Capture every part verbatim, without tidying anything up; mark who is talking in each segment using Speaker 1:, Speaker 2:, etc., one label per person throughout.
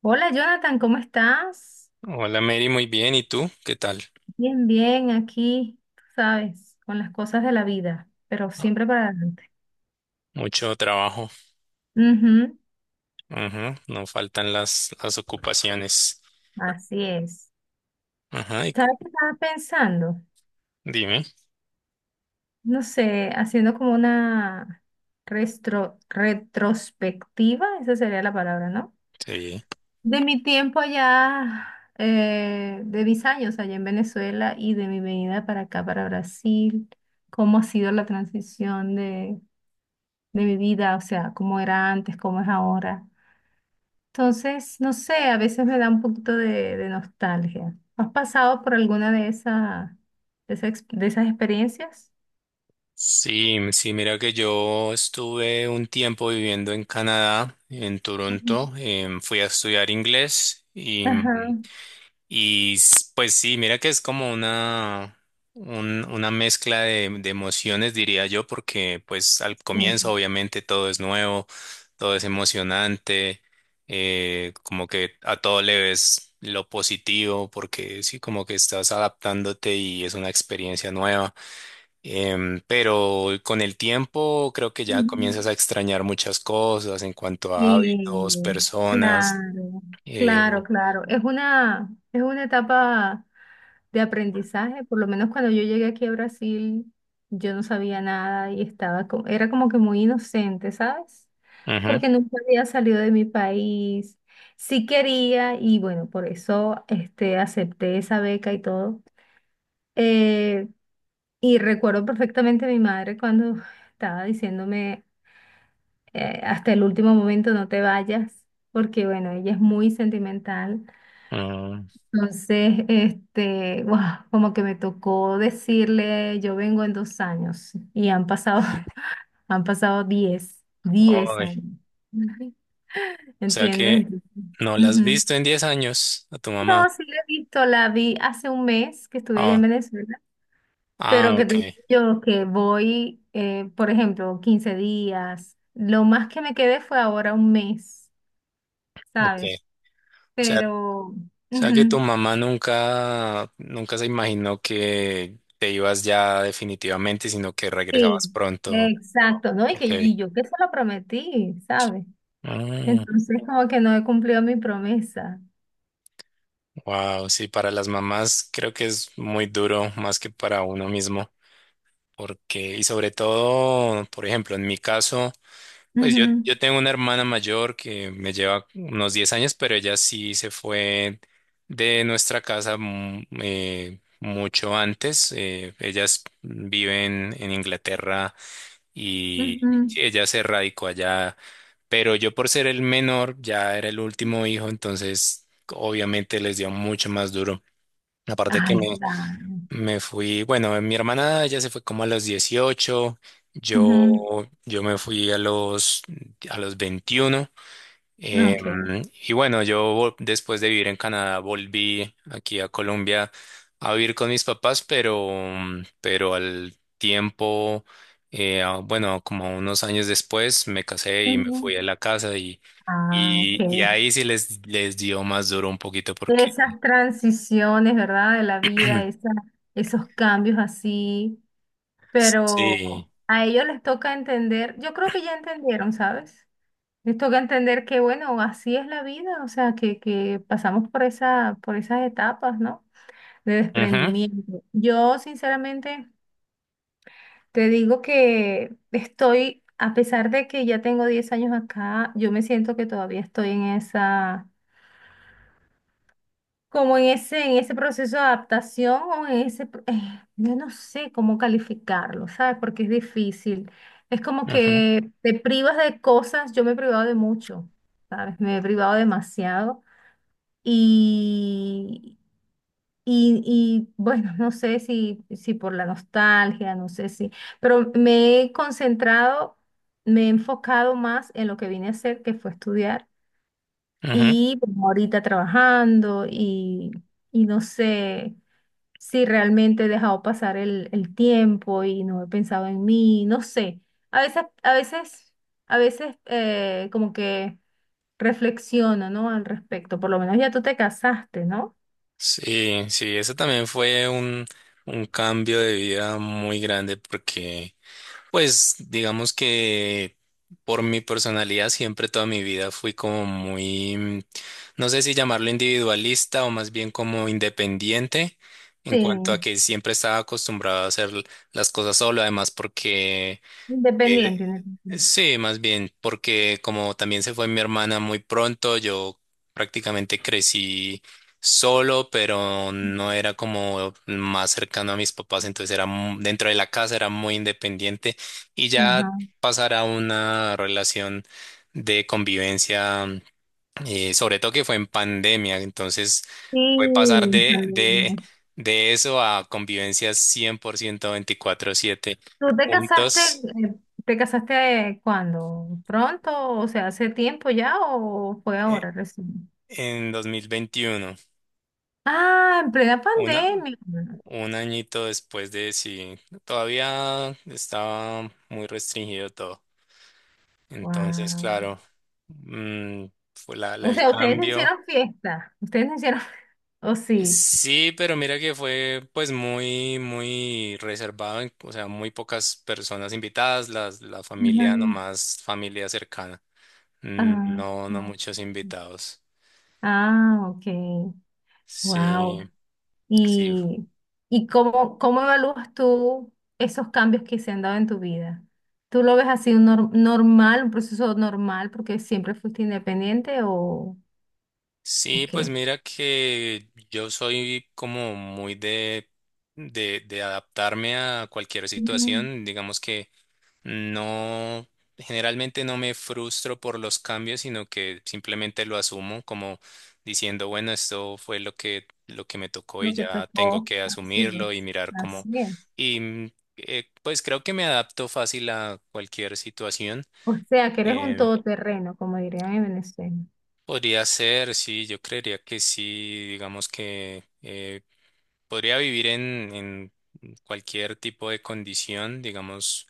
Speaker 1: Hola Jonathan, ¿cómo estás?
Speaker 2: Hola Mary, muy bien. ¿Y tú? ¿Qué tal?
Speaker 1: Bien, bien, aquí, tú sabes, con las cosas de la vida, pero siempre para adelante.
Speaker 2: Mucho trabajo.
Speaker 1: Ujú,
Speaker 2: Ajá, no faltan las, las ocupaciones.
Speaker 1: así es.
Speaker 2: Ajá, y cu-
Speaker 1: ¿Sabes qué estaba pensando?
Speaker 2: dime.
Speaker 1: No sé, haciendo como una restro- retrospectiva, esa sería la palabra, ¿no?
Speaker 2: Sí.
Speaker 1: De mi tiempo allá, eh, de mis años allá en Venezuela y de mi venida para acá, para Brasil. Cómo ha sido la transición de bebida, o sea, cómo era antes, cómo es ahora. Entonces, no sé, a veces me da un poquito de, de nostalgia. ¿Has pasado por alguna de esas, de esa ex- de esas experiencias?
Speaker 2: Sí, m- sí, mira que yo estuve un tiempo viviendo en Canadá, en
Speaker 1: Ujú.
Speaker 2: Toronto. Em, fui a estudiar inglés y
Speaker 1: Ajá,
Speaker 2: Y s- pues sí, mira que es como una, un- una mezcla de, de emociones, diría yo, porque pues al comienzo
Speaker 1: sí.
Speaker 2: obviamente todo es nuevo, todo es emocionante, eh, como que a todo le ves lo positivo, porque sí, como que estás adaptándote y es una experiencia nueva. Em, pero con el tiempo creo que ya
Speaker 1: Ujú.
Speaker 2: comienzas a extrañar muchas cosas en cuanto a hábitos,
Speaker 1: Sí,
Speaker 2: personas.
Speaker 1: claro, claro,
Speaker 2: Eh,
Speaker 1: claro. Es una, es una etapa de aprendizaje. Por lo menos cuando yo llegué aquí a Brasil, yo no sabía nada y estaba co- era como que muy inocente, ¿sabes?
Speaker 2: ujú,
Speaker 1: Porque nunca había salido de mi país. Sí quería y bueno, por eso este, acepté esa beca y todo. Eh, y recuerdo perfectamente a mi madre cuando estaba diciéndome eh, hasta el último momento no te vayas, porque bueno, ella es muy sentimental.
Speaker 2: mm.
Speaker 1: Entonces, este, guau, como que me tocó decirle, yo vengo en dos años y han pasado, han pasado diez, diez
Speaker 2: Ay,
Speaker 1: años. Ujú.
Speaker 2: o sea
Speaker 1: ¿Entiendes?
Speaker 2: que
Speaker 1: Entonces,
Speaker 2: no la has
Speaker 1: ujú.
Speaker 2: visto en diez años a tu
Speaker 1: No,
Speaker 2: mamá.
Speaker 1: sí la he visto, la vi hace un mes que estuve allá en
Speaker 2: Ah,
Speaker 1: Venezuela, pero
Speaker 2: ah,
Speaker 1: que
Speaker 2: ok,
Speaker 1: te digo yo que voy, eh, por ejemplo, quince días, lo más que me quedé fue ahora un mes,
Speaker 2: ok.
Speaker 1: ¿sabes?
Speaker 2: O sea, o
Speaker 1: Pero,
Speaker 2: sea que tu
Speaker 1: ujú,
Speaker 2: mamá nunca, nunca se imaginó que te ibas ya definitivamente, sino que
Speaker 1: sí,
Speaker 2: regresabas pronto.
Speaker 1: exacto, ¿no? Y que
Speaker 2: Ok.
Speaker 1: y yo que se lo prometí, ¿sabes? Entonces como que no he cumplido mi promesa.
Speaker 2: Wow, sí, para las mamás creo que es muy duro, más que para uno mismo. Porque, y sobre todo, por ejemplo, en mi caso. Pues yo,
Speaker 1: Ujú,
Speaker 2: yo tengo una hermana mayor que me lleva unos diez años, pero ella sí se fue de nuestra casa mm, eh, mucho antes. Eh, ellas viven en en Inglaterra y
Speaker 1: ujú.
Speaker 2: ella se radicó allá, pero yo por ser el menor ya era el último hijo, entonces obviamente les dio mucho más duro. Aparte que
Speaker 1: Ay,
Speaker 2: me,
Speaker 1: claro.
Speaker 2: Me fui, bueno, mi hermana ya se fue como a los dieciocho.
Speaker 1: Ujú,
Speaker 2: yo, yo me fui a los, a los veintiuno.
Speaker 1: okay.
Speaker 2: em, y bueno, yo vol- después de vivir en Canadá volví aquí a Colombia a vivir con mis papás, pero, mm, pero al tiempo, eh, a- bueno, como unos años después me casé y me
Speaker 1: Ujú.
Speaker 2: fui a la casa y,
Speaker 1: Ah, ok.
Speaker 2: y, y ahí sí les, les dio más duro un poquito porque
Speaker 1: Esas transiciones, ¿verdad? De la vida, esa- esos cambios así, pero
Speaker 2: sí.
Speaker 1: a ellos les toca entender. Yo creo que ya entendieron, ¿sabes? Les toca entender que, bueno, así es la vida, o sea, que, que pasamos por esa, por esas etapas, ¿no? De
Speaker 2: Ujú,
Speaker 1: desprendimiento. Yo sinceramente te digo que estoy, a pesar de que ya tengo diez años acá, yo me siento que todavía estoy en esa, como en ese, en ese proceso de adaptación, o en ese, pro- eh, yo no sé cómo calificarlo, ¿sabes? Porque es difícil. Es como
Speaker 2: ujú.
Speaker 1: que te privas de cosas, yo me he privado de mucho, ¿sabes? Me he privado demasiado. Y, y, bueno, no sé si, si por la nostalgia, no sé si, pero me he concentrado, me he enfocado más en lo que vine a hacer, que fue estudiar,
Speaker 2: Ujú.
Speaker 1: y como ahorita trabajando y, y no sé si realmente he dejado pasar el, el tiempo y no he pensado en mí, no sé. A veces, a veces, a veces eh, como que reflexiono, ¿no? Al respecto, por lo menos ya tú te casaste, ¿no?
Speaker 2: Sí, sí, eso también fue un, un cambio de vida muy grande porque, pues, digamos que por mi personalidad siempre toda mi vida fui como muy, mm, no sé si llamarlo individualista o más bien como independiente en cuanto a
Speaker 1: Sí.
Speaker 2: que siempre estaba acostumbrado a hacer las cosas solo, además porque
Speaker 1: Independiente,
Speaker 2: Eh,
Speaker 1: independiente.
Speaker 2: sí, más bien, porque como también se fue mi hermana muy pronto, yo prácticamente crecí solo, pero no era como más cercano a mis papás, entonces era mu- dentro de la casa, era muy independiente y
Speaker 1: Ajá.
Speaker 2: ya pasar a una relación de convivencia, eh, sobre todo que fue en pandemia, entonces
Speaker 1: Sí,
Speaker 2: fue pasar de, de,
Speaker 1: Salena.
Speaker 2: de eso a convivencia cien por ciento veinticuatro siete
Speaker 1: ¿Tú te casaste,
Speaker 2: juntos.
Speaker 1: eh, te casaste eh, cuándo? ¿Pronto? O sea, ¿hace tiempo ya o fue
Speaker 2: eh,
Speaker 1: ahora recién?
Speaker 2: en dos mil veintiuno,
Speaker 1: Ah, en plena
Speaker 2: una,
Speaker 1: pandemia.
Speaker 2: un añito después de sí, todavía estaba muy restringido todo. Entonces,
Speaker 1: Wow.
Speaker 2: claro, mm, fue la, la-
Speaker 1: O
Speaker 2: el
Speaker 1: sea, ustedes no
Speaker 2: cambio.
Speaker 1: hicieron fiesta. Ustedes no hicieron. ¿O
Speaker 2: Eh,
Speaker 1: sí?
Speaker 2: Sí, pero mira que fue pues muy, muy reservado, en- o sea, muy pocas personas invitadas, las, la
Speaker 1: Ajá.
Speaker 2: familia nomás, familia cercana. Mm,
Speaker 1: Ah,
Speaker 2: No, no
Speaker 1: ah,
Speaker 2: muchos invitados.
Speaker 1: ah, ok.
Speaker 2: Sí,
Speaker 1: Wow.
Speaker 2: sí,
Speaker 1: ¿Y, y cómo, cómo evalúas tú esos cambios que se han dado en tu vida? ¿Tú lo ves así un nor- normal, un proceso normal porque siempre fuiste independiente o, o
Speaker 2: sí, pues
Speaker 1: qué?
Speaker 2: mira que yo soy como muy de, de, de adaptarme a cualquier
Speaker 1: Ujú.
Speaker 2: situación. Digamos que no, generalmente no me frustro por los cambios, sino que simplemente lo asumo como diciendo, bueno, esto fue lo que, lo que me tocó y
Speaker 1: Lo que
Speaker 2: ya tengo
Speaker 1: tocó,
Speaker 2: que
Speaker 1: así
Speaker 2: asumirlo y
Speaker 1: es,
Speaker 2: mirar cómo.
Speaker 1: así es.
Speaker 2: Y mm, eh, pues creo que me adapto fácil a cualquier situación.
Speaker 1: O sea, que eres un
Speaker 2: em,
Speaker 1: todoterreno, como dirían en Venezuela.
Speaker 2: Podría ser, sí, yo creería que sí, digamos que eh, podría vivir en, en cualquier tipo de condición, digamos,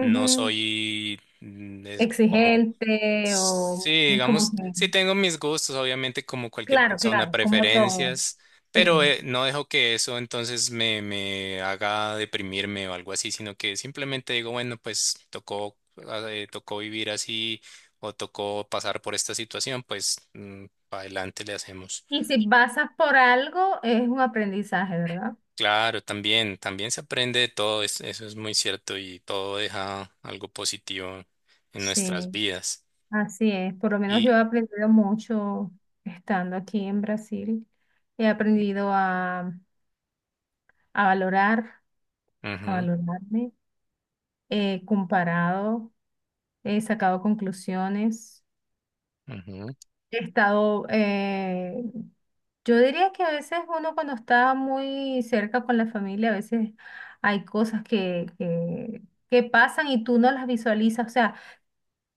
Speaker 2: no soy mm, es como.
Speaker 1: ¿Exigente
Speaker 2: Sí,
Speaker 1: o muy como
Speaker 2: digamos, sí
Speaker 1: que...?
Speaker 2: tengo mis gustos, obviamente como cualquier
Speaker 1: Claro,
Speaker 2: persona,
Speaker 1: claro, como todo.
Speaker 2: preferencias,
Speaker 1: Sí.
Speaker 2: pero eh, no dejo que eso entonces me, me haga deprimirme o algo así, sino que simplemente digo, bueno, pues tocó, eh, tocó vivir así o tocó pasar por esta situación, pues mm, para adelante le hacemos.
Speaker 1: Y si pasas por algo, es un aprendizaje, ¿verdad?
Speaker 2: Claro, también, también se aprende de todo, es- eso es muy cierto y todo deja algo positivo en nuestras
Speaker 1: Sí,
Speaker 2: vidas.
Speaker 1: así es. Por lo menos yo
Speaker 2: Y,
Speaker 1: he aprendido mucho estando aquí en Brasil. He aprendido a, a valorar, a
Speaker 2: ujú,
Speaker 1: valorarme. He comparado, he sacado conclusiones.
Speaker 2: ujú,
Speaker 1: He estado, eh, yo diría que a veces uno cuando está muy cerca con la familia, a veces hay cosas que, que, que pasan y tú no las visualizas. O sea,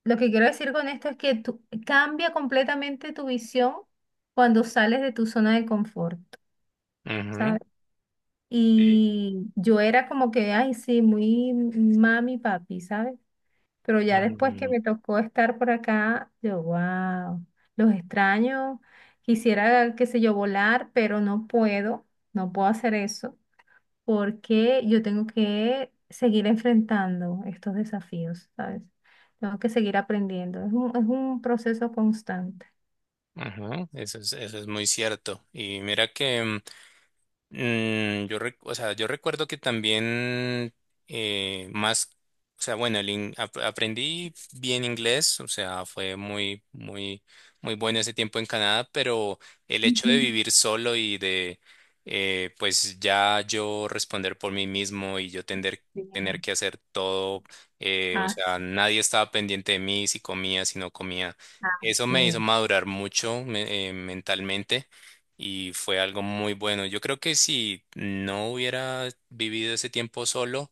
Speaker 1: lo que quiero decir con esto es que tú, cambia completamente tu visión cuando sales de tu zona de confort,
Speaker 2: ujú.
Speaker 1: ¿sabes?
Speaker 2: Sí.
Speaker 1: Y yo era como que, ay, sí, muy mami, papi, ¿sabes? Pero ya después que
Speaker 2: Mm,
Speaker 1: me tocó estar por acá, yo, wow, los extraño, quisiera, qué sé yo, volar, pero no puedo, no puedo hacer eso porque yo tengo que seguir enfrentando estos desafíos, ¿sabes? Tengo que seguir aprendiendo. Es un, es un proceso constante.
Speaker 2: Ajá, eso es, eso es muy cierto. Y mira que mm, Mm, yo, rec- o sea, yo recuerdo que también eh, más, o sea, bueno, el in- ap- aprendí bien inglés, o sea, fue muy, muy, muy bueno ese tiempo en Canadá, pero el hecho
Speaker 1: Ujú.
Speaker 2: de vivir solo y de, eh, pues ya yo responder por mí mismo y yo tener,
Speaker 1: Sí.
Speaker 2: tener que hacer todo, eh, o sea,
Speaker 1: Así,
Speaker 2: nadie estaba pendiente de mí si comía, si no comía. Eso me hizo
Speaker 1: así.
Speaker 2: madurar mucho me- eh, mentalmente y fue algo muy bueno. Yo creo que si no hubiera vivido ese tiempo solo,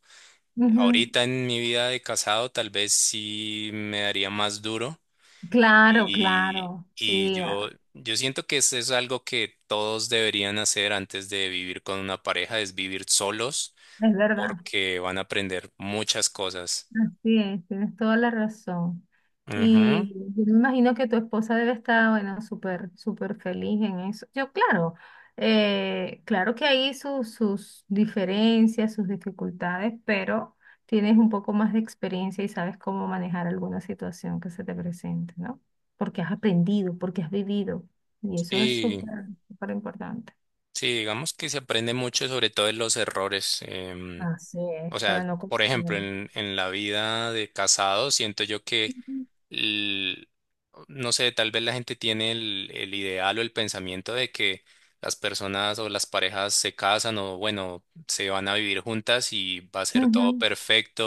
Speaker 1: Ujú.
Speaker 2: ahorita en mi vida de casado tal vez sí me daría más duro
Speaker 1: Claro,
Speaker 2: y,
Speaker 1: claro,
Speaker 2: y
Speaker 1: sí,
Speaker 2: yo,
Speaker 1: ah,
Speaker 2: yo siento que eso es algo que todos deberían hacer antes de vivir con una pareja, es vivir solos
Speaker 1: es verdad.
Speaker 2: porque van a aprender muchas cosas.
Speaker 1: Así es, tienes toda la razón.
Speaker 2: Ujú.
Speaker 1: Y yo me imagino que tu esposa debe estar, bueno, súper, súper feliz en eso. Yo, claro, eh, claro que hay sus, sus diferencias, sus dificultades, pero tienes un poco más de experiencia y sabes cómo manejar alguna situación que se te presente, ¿no? Porque has aprendido, porque has vivido. Y eso es
Speaker 2: Y
Speaker 1: súper, súper importante.
Speaker 2: sí, digamos que se aprende mucho sobre todo de los errores. em,
Speaker 1: Así es,
Speaker 2: O
Speaker 1: para
Speaker 2: sea,
Speaker 1: no
Speaker 2: por ejemplo,
Speaker 1: confundir.
Speaker 2: en, en la vida de casado, siento yo que,
Speaker 1: Ujú.
Speaker 2: el- no sé, tal vez la gente tiene el, el ideal o el pensamiento de que las personas o las parejas se casan o, bueno, se van a vivir juntas y va a ser todo
Speaker 1: Ujú.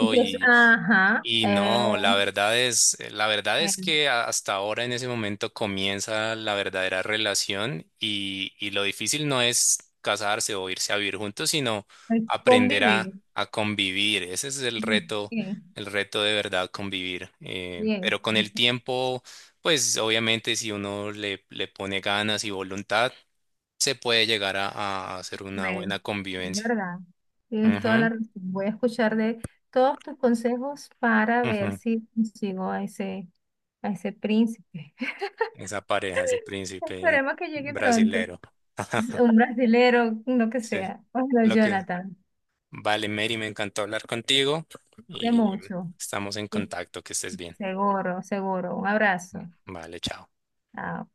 Speaker 1: Y que es, ajá,
Speaker 2: y
Speaker 1: eh,
Speaker 2: no, la verdad es, eh, la verdad es
Speaker 1: bien,
Speaker 2: que a- hasta ahora en ese momento comienza la verdadera relación y, y lo difícil no es casarse o irse a vivir juntos, sino
Speaker 1: el
Speaker 2: aprender
Speaker 1: convivir.
Speaker 2: a, a convivir. Ese es el reto,
Speaker 1: Bien,
Speaker 2: el reto de verdad, convivir. Eh,
Speaker 1: bien,
Speaker 2: pero con
Speaker 1: no
Speaker 2: el
Speaker 1: se
Speaker 2: tiempo, pues obviamente si uno le, le pone ganas y voluntad, se puede llegar a, a hacer una
Speaker 1: puede.
Speaker 2: buena
Speaker 1: Es
Speaker 2: convivencia.
Speaker 1: verdad. Tienes toda la razón. Voy a escuchar de todos tus consejos para
Speaker 2: Ujú,
Speaker 1: ver
Speaker 2: ujú.
Speaker 1: si consigo a ese, a ese, príncipe.
Speaker 2: Esa pareja, ese príncipe
Speaker 1: Esperemos que llegue pronto.
Speaker 2: brasilero.
Speaker 1: Un brasilero, lo que
Speaker 2: Sí,
Speaker 1: sea. Hola,
Speaker 2: lo que
Speaker 1: Jonathan.
Speaker 2: vale, Mary, me encantó hablar contigo
Speaker 1: De
Speaker 2: y
Speaker 1: mucho.
Speaker 2: estamos en
Speaker 1: Sí,
Speaker 2: contacto, que estés bien.
Speaker 1: seguro, seguro. Un abrazo.
Speaker 2: Vale, chao.
Speaker 1: Chao.